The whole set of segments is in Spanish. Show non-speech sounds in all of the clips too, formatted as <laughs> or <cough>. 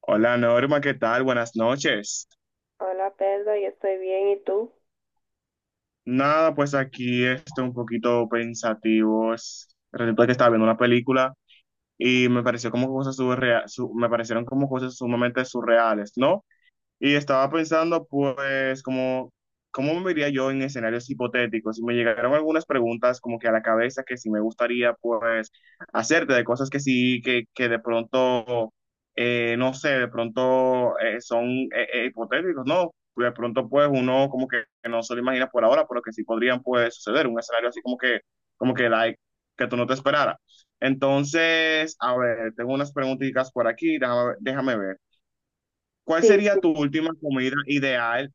Hola Norma, ¿qué tal? Buenas noches. Hola Pedro, yo estoy bien, ¿y tú? Nada, pues aquí estoy un poquito pensativo. Resulta que estaba viendo una película y me pareció como cosas me parecieron como cosas sumamente surreales, ¿no? Y estaba pensando, pues, como, ¿cómo me vería yo en escenarios hipotéticos? Y me llegaron algunas preguntas como que a la cabeza que si me gustaría, pues, hacerte de cosas que sí, que de pronto, no sé, de pronto son hipotéticos, ¿no? De pronto, pues, uno como que no se lo imagina por ahora, pero que sí podrían, pues, suceder. Un escenario así como que, like, que tú no te esperaras. Entonces, a ver, tengo unas preguntitas por aquí, déjame ver. ¿Cuál Sí, sería tu sí. última comida ideal?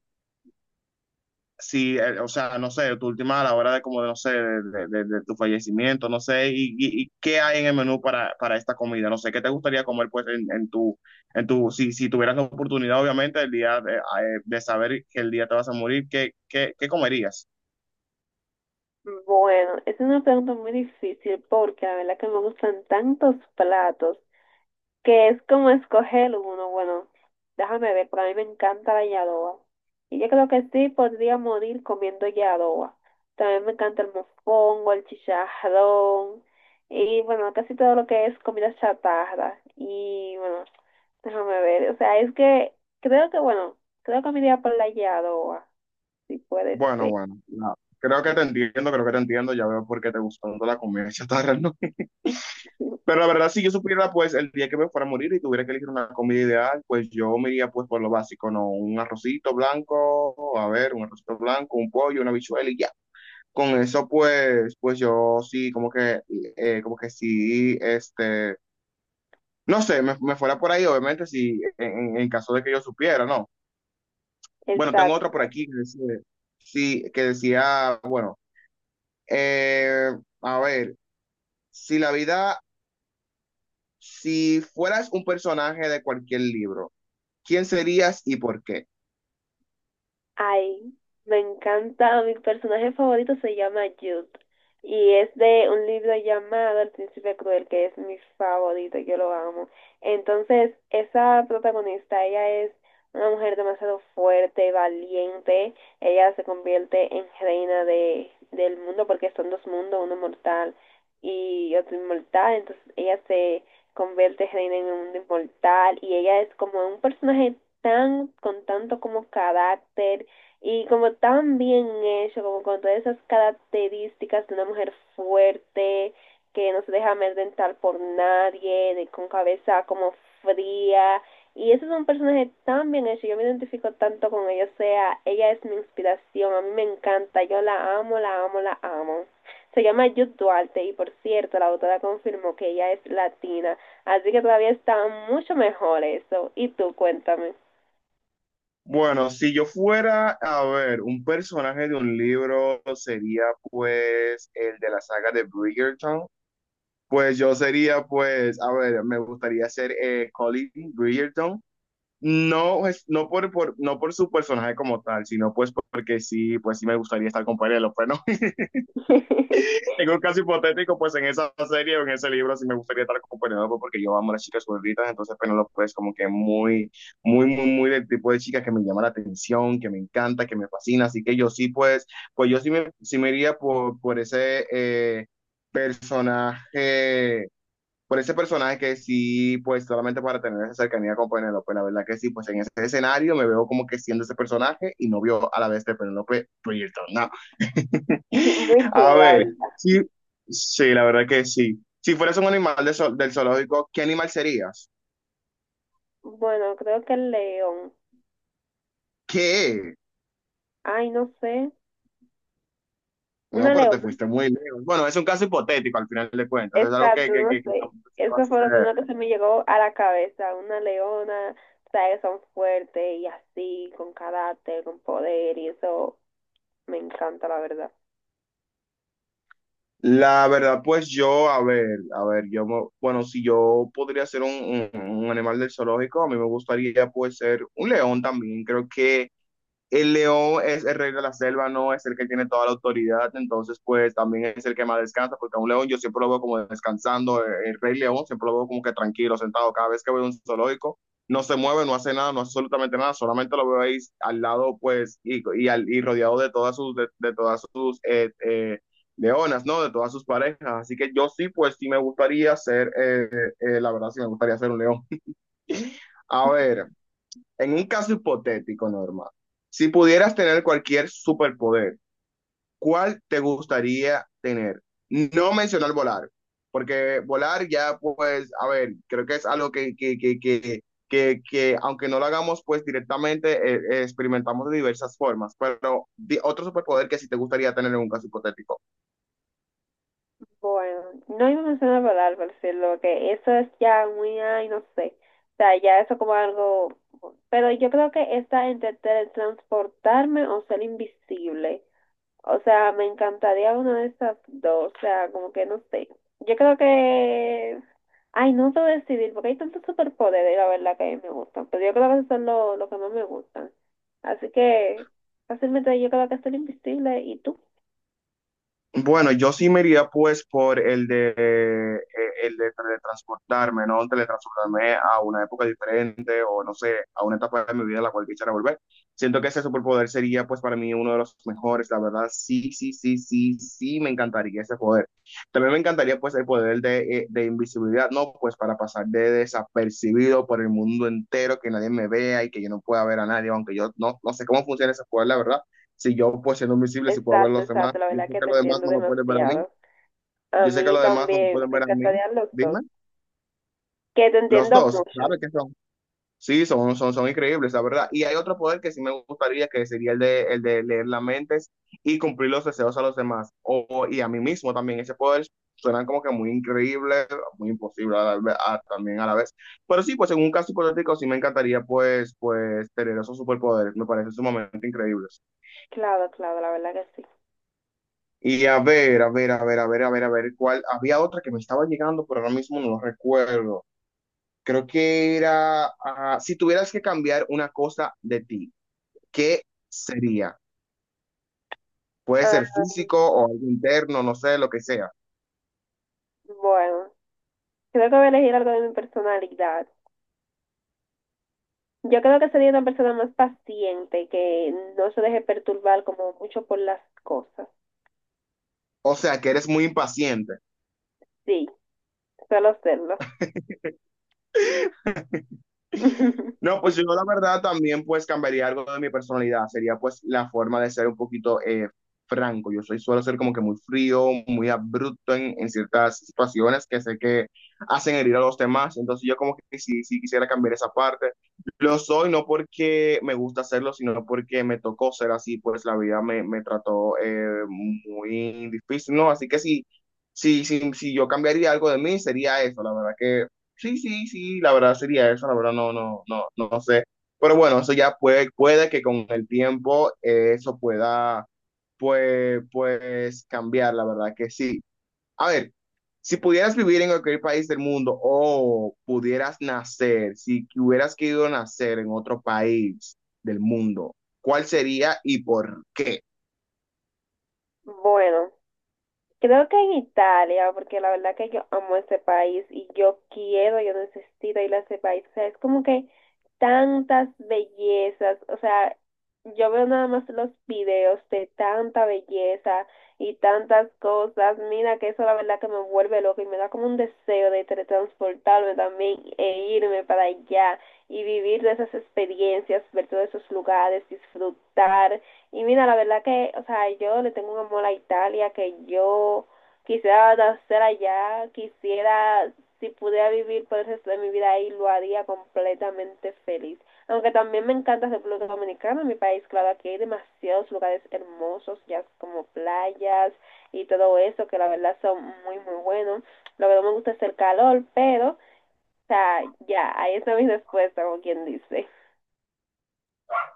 Si, o sea, no sé, tu última a la hora de como, no sé, de tu fallecimiento, no sé, y qué hay en el menú para esta comida, no sé, ¿qué te gustaría comer pues en tu, si tuvieras la oportunidad, obviamente, el día de saber que el día te vas a morir, ¿ qué comerías? Bueno, es una pregunta muy difícil porque la verdad que me gustan tantos platos que es como escoger uno. Bueno, déjame ver, pero a mí me encanta la yadoa. Y yo creo que sí podría morir comiendo yadoa. También me encanta el mofongo, el chicharrón y bueno, casi todo lo que es comida chatarra. Y bueno, déjame ver, o sea, es que creo que bueno, creo que me iría por la yadoa, si puede Bueno, ser. No, creo que te entiendo, creo que te entiendo, ya veo por qué te gustó tanto la comida <laughs> chatarra, ¿no? Pero la verdad, si yo supiera, pues, el día que me fuera a morir y tuviera que elegir una comida ideal, pues yo me iría, pues, por lo básico, ¿no? Un arrocito blanco, a ver, un arrocito blanco, un pollo, una habichuela y ya. Con eso, pues, pues yo sí, como que sí, este, no sé, me fuera por ahí, obviamente, si, en caso de que yo supiera, ¿no? <laughs> Bueno, tengo Exacto. otra por aquí que decía, sí, que decía, bueno, eh, a ver, si la vida, si fueras un personaje de cualquier libro, ¿quién serías y por qué? Ay, me encanta. Mi personaje favorito se llama Jude y es de un libro llamado El Príncipe Cruel, que es mi favorito, yo lo amo. Entonces, esa protagonista, ella es una mujer demasiado fuerte, valiente. Ella se convierte en reina del mundo porque son dos mundos, uno mortal y otro inmortal. Entonces, ella se convierte reina en un mundo inmortal y ella es como un personaje tan, con tanto como carácter y como tan bien hecho, como con todas esas características de una mujer fuerte, que no se deja amedrentar por nadie, de, con cabeza como fría. Y ese es un personaje tan bien hecho, yo me identifico tanto con ella, o sea, ella es mi inspiración, a mí me encanta, yo la amo, la amo, la amo. Se llama Jude Duarte y por cierto, la autora confirmó que ella es latina, así que todavía está mucho mejor eso. Y tú, cuéntame. Bueno, si yo fuera a ver un personaje de un libro, sería pues el de la saga de Bridgerton. Pues yo sería pues, a ver, me gustaría ser Colin Bridgerton. No, no, no por su personaje como tal, sino pues porque sí, pues sí me gustaría estar con Penélope, ¿no? <laughs> En un caso hipotético, pues en esa serie o en ese libro sí me gustaría estar con Penelope porque yo amo a las chicas gorditas, entonces Penelope es como que muy, muy del tipo de chica que me llama la atención, que me encanta, que me fascina, así que yo sí, pues, pues yo sí me iría por ese personaje, por ese personaje que sí, pues solamente para tener esa cercanía con Penelope, la verdad que sí, pues en ese escenario me veo como que siendo ese personaje y novio a la vez de Penelope Bridgerton, ¿no? <laughs> Muy chulo, A la ver, verdad. sí, sí, la verdad que sí. Si fueras un animal de del zoológico, ¿qué animal serías? Bueno, creo que el león. ¿Qué? Ay, no sé. No, Una pero te leona. fuiste muy lejos. Bueno, es un caso hipotético al final de cuentas, es algo Exacto, no que sé. tampoco es que va a Eso fue lo suceder. primero que se me llegó a la cabeza. Una leona, sabes, que son fuertes y así, con carácter, con poder, y eso me encanta, la verdad. La verdad, pues yo, a ver, yo, bueno, si yo podría ser un, un- un animal del zoológico, a mí me gustaría pues ser un león también. Creo que el león es el rey de la selva, no es el que tiene toda la autoridad, entonces pues también es el que más descansa, porque a un león yo siempre lo veo como descansando, el rey león siempre lo veo como que tranquilo, sentado, cada vez que veo un zoológico, no se mueve, no hace nada, no hace absolutamente nada, solamente lo veo ahí al lado pues y rodeado de todas sus, de todas sus leonas, ¿no? De todas sus parejas, así que yo sí pues sí me gustaría ser, la verdad sí me gustaría ser un león. A ver. En un caso hipotético, Norma, si pudieras tener cualquier superpoder, ¿cuál te gustaría tener? No mencionar volar, porque volar ya, pues, a ver, creo que es algo que aunque no lo hagamos, pues directamente experimentamos de diversas formas, pero otro superpoder que sí te gustaría tener en un caso hipotético. Bueno, no iba a mencionar volar, por decirlo, que eso es ya muy, ay, no sé. O sea, ya eso como algo. Pero yo creo que está entre teletransportarme o ser invisible. O sea, me encantaría una de esas dos. O sea, como que no sé. Yo creo que... Ay, no sé decidir, porque hay tantos superpoderes, la verdad, que me gustan. Pero yo creo que esos son los lo que más me gustan. Así que fácilmente yo creo que soy invisible. ¿Y tú? Bueno, yo sí me iría pues por el de teletransportarme, ¿no? Teletransportarme a una época diferente o no sé, a una etapa de mi vida a la cual quisiera volver. Siento que ese superpoder sería pues para mí uno de los mejores, la verdad. Sí, sí, sí, sí, sí, me encantaría ese poder. También me encantaría pues el poder de invisibilidad, ¿no? Pues para pasar de desapercibido por el mundo entero, que nadie me vea y que yo no pueda ver a nadie, aunque yo no, no sé cómo funciona ese poder, la verdad si yo pues siendo invisible, si puedo ver a Exacto, los demás, exacto. La yo sé verdad que que te los demás entiendo no me pueden ver a mí, demasiado. A yo sé que mí los demás no me también pueden me ver a mí, encantarían los dos. dime, Que te los entiendo dos, mucho. ¿sabes qué son? Sí, son increíbles, la verdad. Y hay otro poder que sí me gustaría, que sería el de leer las mentes y cumplir los deseos a los demás, y a mí mismo también. Ese poder suena como que muy increíble, muy imposible a también a la vez. Pero sí, pues en un caso hipotético sí me encantaría pues, pues tener esos superpoderes, me parecen sumamente increíbles. Claro, claro, la verdad que sí. Y a ver, a ver, a ver, a ver, a ver, a ver, cuál. Había otra que me estaba llegando, pero ahora mismo no lo recuerdo. Creo que era, ah, si tuvieras que cambiar una cosa de ti, ¿qué sería? Puede ser Ah, físico o algo interno, no sé, lo que sea. bueno, creo que voy a elegir algo de mi personalidad. Yo creo que sería una persona más paciente, que no se deje perturbar como mucho por las cosas. O sea, que eres muy impaciente. Sí, suelo serlo. <laughs> No, pues yo la verdad también pues cambiaría algo de mi personalidad, sería pues la forma de ser un poquito franco, yo soy, suelo ser como que muy frío, muy abrupto en ciertas situaciones que sé que hacen herir a los demás, entonces yo como que sí quisiera cambiar esa parte, lo soy no porque me gusta hacerlo, sino porque me tocó ser así, pues la vida me trató muy difícil, ¿no? Así que sí, si yo cambiaría algo de mí, sería eso, la verdad que sí, sí, sí, la verdad sería eso, la verdad no sé. Pero bueno, eso ya puede, puede que con el tiempo eso pueda, pues, pues cambiar, la verdad que sí. A ver, si pudieras vivir en cualquier país del mundo o pudieras nacer, si que hubieras querido nacer en otro país del mundo, ¿cuál sería y por qué? Bueno. Creo que en Italia, porque la verdad que yo amo ese país y yo quiero, yo necesito ir a ese país. O sea, es como que tantas bellezas, o sea, yo veo nada más los videos de tanta belleza y tantas cosas. Mira que eso la verdad que me vuelve loco y me da como un deseo de teletransportarme también e irme para allá y vivir de esas experiencias, ver todos esos lugares, disfrutar. Y mira, la verdad que, o sea, yo le tengo un amor a Italia, que yo quisiera nacer allá, quisiera, si pudiera vivir por el resto de mi vida ahí, lo haría completamente feliz. Aunque también me encanta República Dominicana, mi país, claro, aquí hay demasiados lugares hermosos, ya como playas y todo eso, que la verdad son muy, muy buenos. Lo que no me gusta es el calor, pero, o sea, ya, ahí está mi respuesta, como quien dice.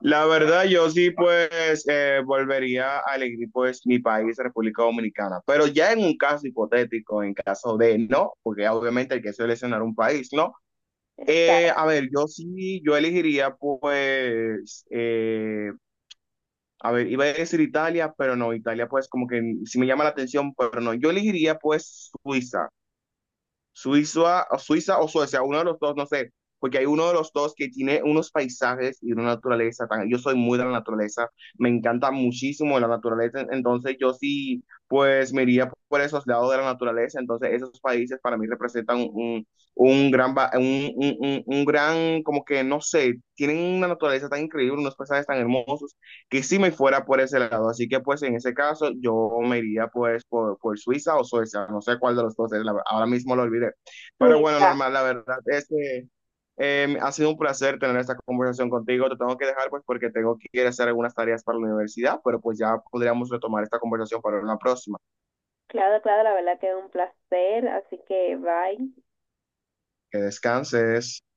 La verdad, yo sí, pues, volvería a elegir, pues, mi país, República Dominicana. Pero ya en un caso hipotético, en caso de no, porque obviamente hay que seleccionar un país, ¿no? Está, A ver, yo sí, yo elegiría, pues, a ver, iba a decir Italia, pero no, Italia, pues, como que sí me llama la atención, pero no, yo elegiría, pues, Suiza. Suiza o Suecia, uno de los dos, no sé, porque hay uno de los dos que tiene unos paisajes y una naturaleza tan, yo soy muy de la naturaleza, me encanta muchísimo la naturaleza, entonces yo sí, pues me iría por esos lados de la naturaleza, entonces esos países para mí representan un, un un gran, como que no sé, tienen una naturaleza tan increíble, unos paisajes tan hermosos que si me fuera por ese lado. Así que pues en ese caso yo me iría pues por Suiza o Suecia, no sé cuál de los dos es, la, ahora mismo lo olvidé. Pero bueno, Suiza. normal, la verdad es que ha sido un placer tener esta conversación contigo. Te tengo que dejar pues porque tengo que ir a hacer algunas tareas para la universidad, pero pues ya podríamos retomar esta conversación para una próxima. Claro, claro, la verdad que es un placer, así que bye. Que descanses.